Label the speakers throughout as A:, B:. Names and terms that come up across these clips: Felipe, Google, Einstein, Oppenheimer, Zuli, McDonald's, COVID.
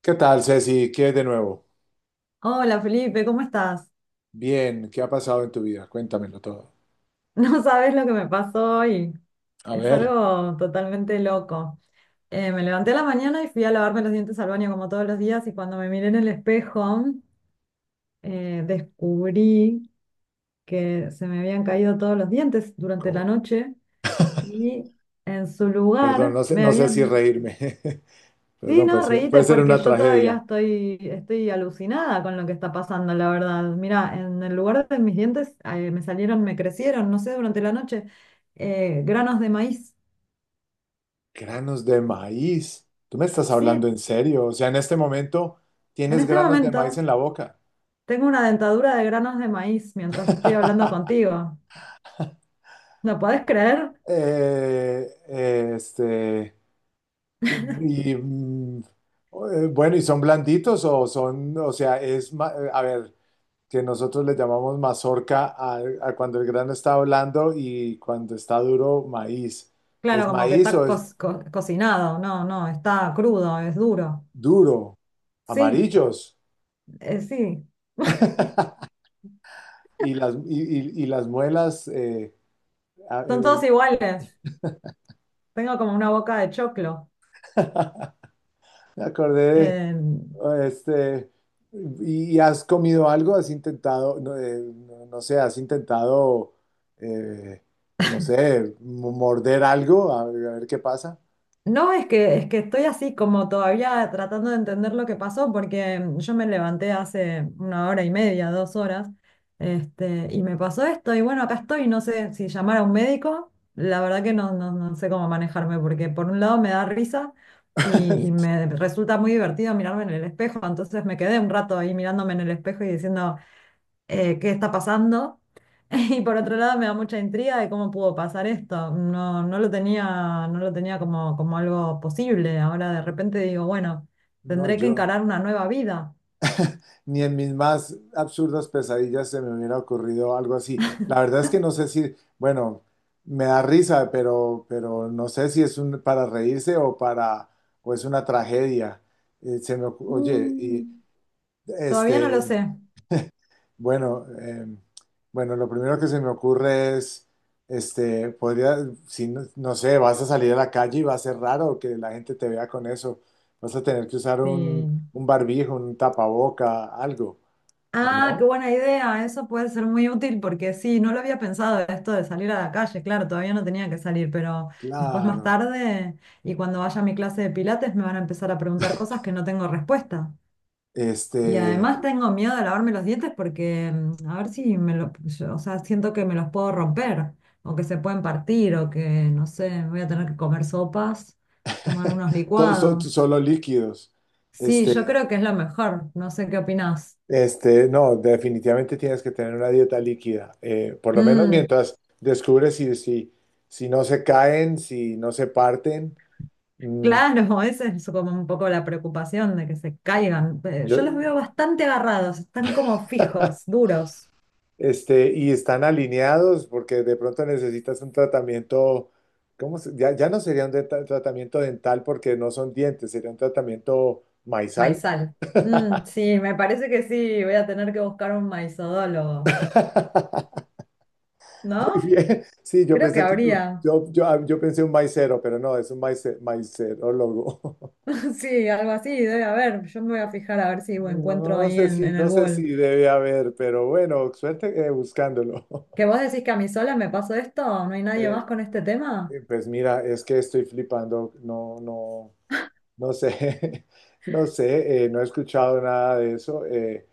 A: ¿Qué tal, Ceci? ¿Qué es de nuevo?
B: Hola Felipe, ¿cómo estás?
A: Bien, ¿qué ha pasado en tu vida? Cuéntamelo todo.
B: No sabes lo que me pasó hoy.
A: A
B: Es
A: ver,
B: algo totalmente loco. Me levanté a la mañana y fui a lavarme los dientes al baño como todos los días, y cuando me miré en el espejo descubrí que se me habían caído todos los dientes durante la
A: co-
B: noche, y en su
A: perdón,
B: lugar
A: no sé,
B: me
A: no sé si
B: habían...
A: reírme.
B: Sí,
A: Perdón,
B: no,
A: puede
B: reíte
A: ser
B: porque
A: una
B: yo todavía
A: tragedia.
B: estoy alucinada con lo que está pasando, la verdad. Mira, en el lugar de mis dientes me salieron, me crecieron, no sé, durante la noche. Granos de maíz.
A: Granos de maíz. ¿Tú me estás hablando
B: Sí,
A: en serio? O sea, en este momento
B: en
A: tienes
B: este
A: granos de maíz
B: momento
A: en la boca.
B: tengo una dentadura de granos de maíz mientras estoy hablando contigo. ¿Lo podés creer?
A: Eh, este, bueno, ¿y son blanditos o son, o sea, a ver, que nosotros le llamamos mazorca a cuando el grano está blando y cuando está duro, maíz.
B: Claro,
A: ¿Es
B: como que
A: maíz
B: está
A: o es
B: cocinado. No, no, está crudo, es duro.
A: duro?
B: Sí,
A: Amarillos.
B: sí,
A: Y las, y, y las muelas, a-
B: son todos
A: el-
B: iguales. Tengo como una boca de choclo.
A: me acordé
B: em,
A: de, ¿y has comido algo? ¿Has intentado, no, no sé, has intentado, eh, no sé, morder algo? A ver qué pasa.
B: No, es que estoy así como todavía tratando de entender lo que pasó porque yo me levanté hace una hora y media, dos horas, y me pasó esto y bueno, acá estoy, no sé si llamar a un médico, la verdad que no, no, no sé cómo manejarme porque por un lado me da risa y me resulta muy divertido mirarme en el espejo, entonces me quedé un rato ahí mirándome en el espejo y diciendo qué está pasando. Y por otro lado me da mucha intriga de cómo pudo pasar esto. No, no lo tenía como, como algo posible. Ahora de repente digo, bueno,
A: No,
B: tendré que
A: yo.
B: encarar una nueva vida.
A: Ni en mis más absurdas pesadillas se me hubiera ocurrido algo así. La verdad es que no sé si, bueno, me da risa, pero no sé si es un, para reírse o para, o es una tragedia. Oye,
B: Mm, todavía no lo
A: este,
B: sé.
A: bueno, eh, bueno, lo primero que se me ocurre es, podría, si no, no sé, vas a salir a la calle y va a ser raro que la gente te vea con eso. Vas a tener que usar
B: Sí.
A: un barbijo, un tapaboca, algo, ¿o
B: Ah, qué
A: no?
B: buena idea. Eso puede ser muy útil porque sí, no lo había pensado esto de salir a la calle. Claro, todavía no tenía que salir, pero después más
A: Claro,
B: tarde y cuando vaya a mi clase de pilates me van a empezar a preguntar cosas que no tengo respuesta. Y
A: este,
B: además tengo miedo de lavarme los dientes porque a ver si me lo, yo, o sea, siento que me los puedo romper o que se pueden partir o que, no sé, voy a tener que comer sopas, tomar unos licuados.
A: solo líquidos.
B: Sí, yo
A: Este,
B: creo que es lo mejor, no sé qué opinás.
A: no, definitivamente tienes que tener una dieta líquida, por lo menos
B: Mm,
A: mientras descubres si, si, si no se caen, si no se parten, mm,
B: claro, esa es como un poco la preocupación de que se caigan.
A: yo,
B: Yo los veo bastante agarrados, están como fijos, duros.
A: y están alineados, porque de pronto necesitas un tratamiento, Ya, ya no sería un tratamiento dental porque no son dientes, sería un tratamiento maizal.
B: Maizal. Mm, sí, me parece que sí, voy a tener que buscar un maizodólogo,
A: Muy
B: ¿no?
A: bien. Sí, yo
B: Creo que
A: pensé que
B: habría,
A: yo pensé un maicero, pero no, es un maicerólogo.
B: sí, algo así, debe haber. Yo me voy a fijar a ver si
A: No,
B: encuentro
A: no, no
B: ahí
A: sé si,
B: en el
A: no sé
B: Google.
A: si debe haber, pero bueno, suerte buscándolo.
B: ¿Que vos decís que a mí sola me pasó esto? ¿No hay nadie
A: Eh,
B: más con este tema?
A: pues mira, es que estoy flipando, no, no, no sé, no sé, no he escuchado nada de eso. Eh,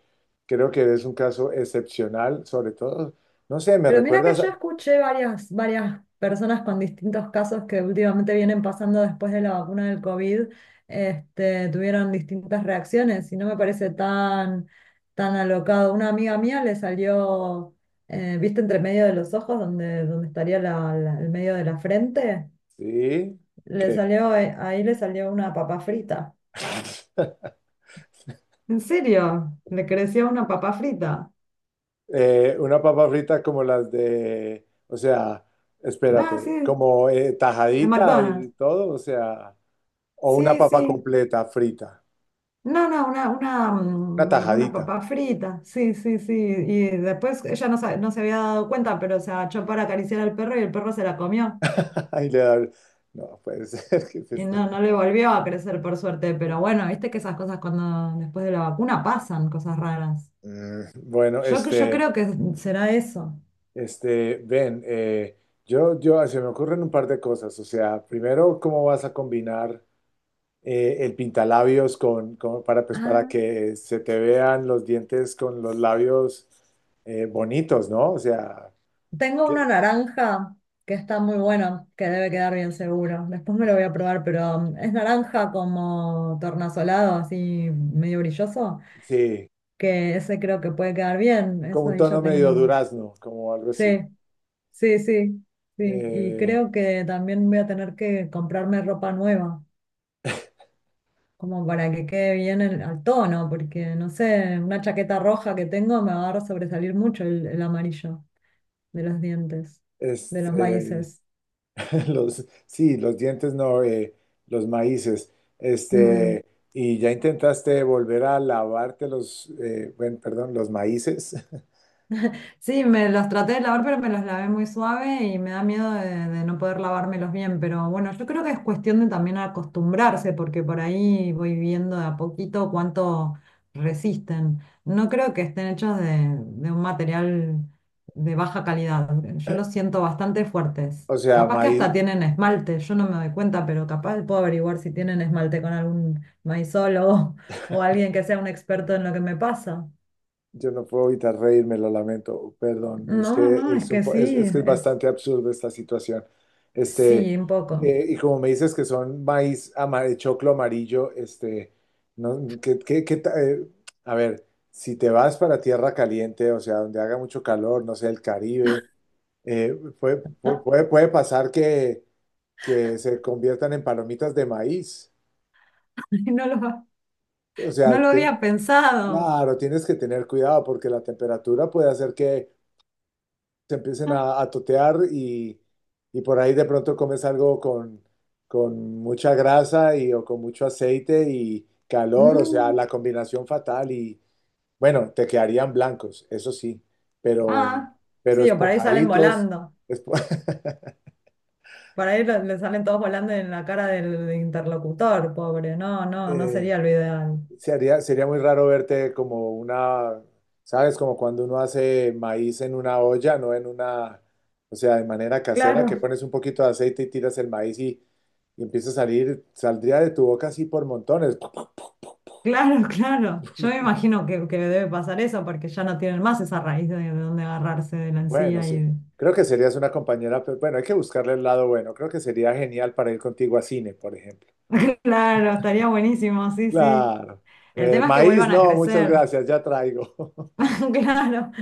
A: creo que es un caso excepcional, sobre todo, no sé, me
B: Pero mira que
A: recuerdas,
B: yo
A: a-
B: escuché varias personas con distintos casos que últimamente vienen pasando después de la vacuna del COVID, tuvieron distintas reacciones y no me parece tan, tan alocado. Una amiga mía le salió, ¿viste entre medio de los ojos donde, donde estaría el medio de la frente?
A: sí,
B: Le
A: que
B: salió, ahí le salió una papa frita. ¿En serio? ¿Le creció una papa frita?
A: Una papa frita como las de, o sea,
B: Ah, sí,
A: espérate, como
B: de
A: tajadita
B: McDonald's.
A: y todo, o sea, o una
B: Sí,
A: papa
B: sí.
A: completa frita,
B: No, no, una,
A: una
B: una
A: tajadita.
B: papa frita. Sí, sí, sí. Y después ella no, no se había dado cuenta, pero se agachó para acariciar al perro y el perro se la comió.
A: Ahí le da- no, puede ser, ¿qué es
B: Y
A: esto?
B: no, no le volvió a crecer por suerte. Pero bueno, viste que esas cosas cuando después de la vacuna pasan, cosas raras.
A: Mm, bueno,
B: Yo, yo
A: este,
B: creo que será eso.
A: este, ven, eh, Se me ocurren un par de cosas, o sea, primero, ¿cómo vas a combinar? Eh, el pintalabios con, para, pues, para
B: Ah.
A: que se te vean los dientes con los labios bonitos, ¿no? O sea,
B: Tengo
A: que-
B: una naranja que está muy buena, que debe quedar bien seguro. Después me lo voy a probar, pero es naranja como tornasolado, así medio brilloso,
A: sí,
B: que ese creo que puede quedar bien.
A: como
B: Eso
A: un
B: ahí ya
A: tono medio
B: tengo.
A: durazno, como algo
B: Sí,
A: así.
B: sí, sí, sí. Y
A: Eh,
B: creo que también voy a tener que comprarme ropa nueva, como para que quede bien al tono, porque no sé, una chaqueta roja que tengo me va a sobresalir mucho el amarillo de los dientes, de los
A: este,
B: maíces.
A: los, sí, los dientes no, los maíces.
B: Mm.
A: Este, y ya intentaste volver a lavarte los, bueno, perdón, los maíces.
B: Sí, me los traté de lavar, pero me los lavé muy suave y me da miedo de no poder lavármelos bien. Pero bueno, yo creo que es cuestión de también acostumbrarse, porque por ahí voy viendo de a poquito cuánto resisten. No creo que estén hechos de un material de baja calidad. Yo los siento bastante fuertes.
A: O sea,
B: Capaz que
A: maíz,
B: hasta tienen esmalte, yo no me doy cuenta, pero capaz puedo averiguar si tienen esmalte con algún maizólogo o alguien que sea un experto en lo que me pasa.
A: yo no puedo evitar reírme, lo lamento, perdón, es
B: No,
A: que
B: no, es
A: es,
B: que sí,
A: es que es
B: es...
A: bastante absurdo esta situación.
B: Sí,
A: Este,
B: un poco.
A: y como me dices que son maíz amarillo, choclo amarillo, este, no, a ver, si te vas para tierra caliente, o sea, donde haga mucho calor, no sé, el Caribe,
B: Ah,
A: puede, puede pasar que se conviertan en palomitas de maíz.
B: no lo,
A: O
B: no
A: sea,
B: lo
A: te-
B: había pensado.
A: claro, tienes que tener cuidado porque la temperatura puede hacer que se empiecen
B: Ah,
A: a totear y por ahí de pronto comes algo con mucha grasa y, o con mucho aceite y calor, o sea,
B: mm,
A: la combinación fatal y bueno, te quedarían blancos, eso sí, pero, em,
B: ah,
A: pero
B: sí, o por ahí salen
A: esponjaditos.
B: volando.
A: Espo-
B: Por ahí le salen todos volando en la cara del interlocutor, pobre. No, no, no sería
A: Eh,
B: lo ideal.
A: sería, sería muy raro verte como una, ¿sabes? Como cuando uno hace maíz en una olla, no en una, o sea, de manera casera, que
B: Claro,
A: pones un poquito de aceite y tiras el maíz y empieza a salir, saldría de tu boca así por montones.
B: claro, claro. Yo me imagino que debe pasar eso porque ya no tienen más esa raíz de donde agarrarse de la
A: Bueno,
B: encía.
A: sí.
B: Y...
A: Creo que serías una compañera, pero bueno, hay que buscarle el lado bueno. Creo que sería genial para ir contigo a cine, por ejemplo.
B: Claro, estaría buenísimo, sí, sí.
A: Claro.
B: El tema es que
A: Maíz,
B: vuelvan a
A: no, muchas
B: crecer.
A: gracias, ya traigo.
B: Claro,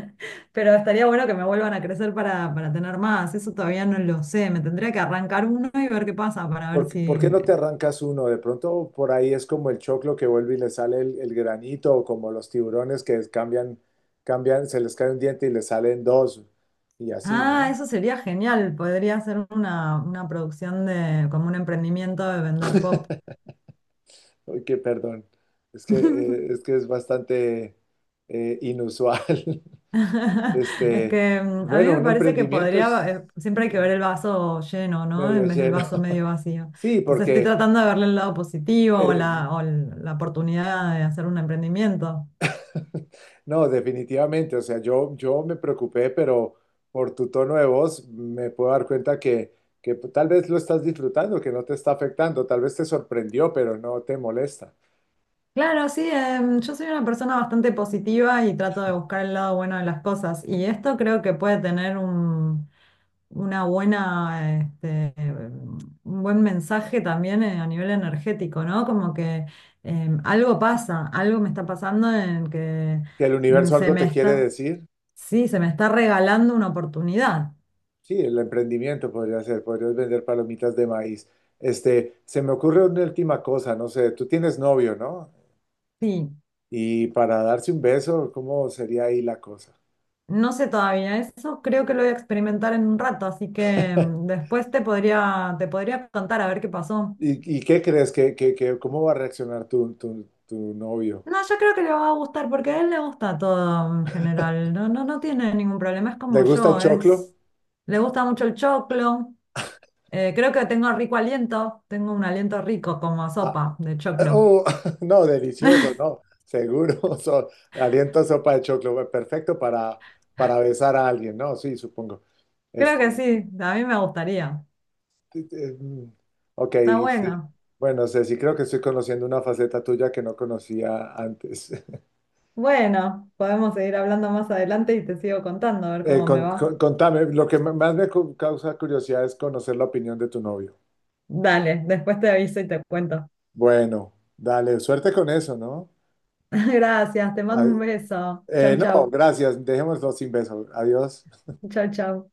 B: pero estaría bueno que me vuelvan a crecer para tener más. Eso todavía no lo sé. Me tendría que arrancar uno y ver qué pasa para ver
A: Por
B: si...
A: qué no te arrancas uno? De pronto por ahí es como el choclo que vuelve y le sale el granito, o como los tiburones que cambian, se les cae un diente y le salen dos, y así,
B: Ah,
A: ¿no?
B: eso sería genial. Podría ser una producción de, como un emprendimiento de vender pop.
A: Ay, qué perdón. Es que, es que es bastante inusual.
B: Es
A: Este,
B: que a mí
A: bueno,
B: me
A: un
B: parece que
A: emprendimiento
B: podría,
A: es
B: siempre hay que ver
A: sí,
B: el vaso lleno, ¿no?
A: medio
B: En vez del
A: lleno.
B: vaso medio vacío.
A: Sí,
B: Entonces estoy
A: porque
B: tratando de verle el lado positivo o
A: eh,
B: la, o la oportunidad de hacer un emprendimiento.
A: no, definitivamente. O sea, yo me preocupé, pero por tu tono de voz me puedo dar cuenta que tal vez lo estás disfrutando, que no te está afectando, tal vez te sorprendió, pero no te molesta.
B: Claro, sí, yo soy una persona bastante positiva y trato de buscar el lado bueno de las cosas. Y esto creo que puede tener un, una buena, un buen mensaje también a nivel energético, ¿no? Como que algo pasa, algo me está pasando en que
A: Que el
B: mm,
A: universo
B: se
A: algo
B: me
A: te quiere
B: está,
A: decir.
B: sí, se me está regalando una oportunidad.
A: Sí, el emprendimiento podría ser, podrías vender palomitas de maíz. Este, se me ocurre una última cosa, no sé, tú tienes novio, ¿no?
B: Sí,
A: Y para darse un beso, ¿cómo sería ahí la cosa?
B: no sé todavía eso, creo que lo voy a experimentar en un rato, así que después te podría contar a ver qué pasó.
A: Y qué crees que, cómo va a reaccionar tu, tu, tu novio?
B: No, yo creo que le va a gustar porque a él le gusta todo en general. No, no, no tiene ningún problema, es
A: ¿Le
B: como
A: gusta el
B: yo,
A: choclo?
B: es... Le gusta mucho el choclo. Creo que tengo rico aliento, tengo un aliento rico como a
A: Ah,
B: sopa de choclo.
A: oh, no, delicioso, no, seguro. So- aliento sopa de choclo, perfecto para besar a alguien, ¿no? Sí, supongo.
B: Creo que
A: Este,
B: sí, a mí me gustaría.
A: t- t- mm, ok,
B: Está
A: sí.
B: bueno.
A: Bueno, Ceci, creo que estoy conociendo una faceta tuya que no conocía antes.
B: Bueno, podemos seguir hablando más adelante y te sigo contando a ver cómo me va.
A: Contame, lo que más me causa curiosidad es conocer la opinión de tu novio.
B: Dale, después te aviso y te cuento.
A: Bueno, dale, suerte con eso, ¿no?
B: Gracias, te mando
A: Ay,
B: un beso. Chau,
A: no,
B: chau.
A: gracias, dejémoslo sin beso. Adiós.
B: Chau, chau.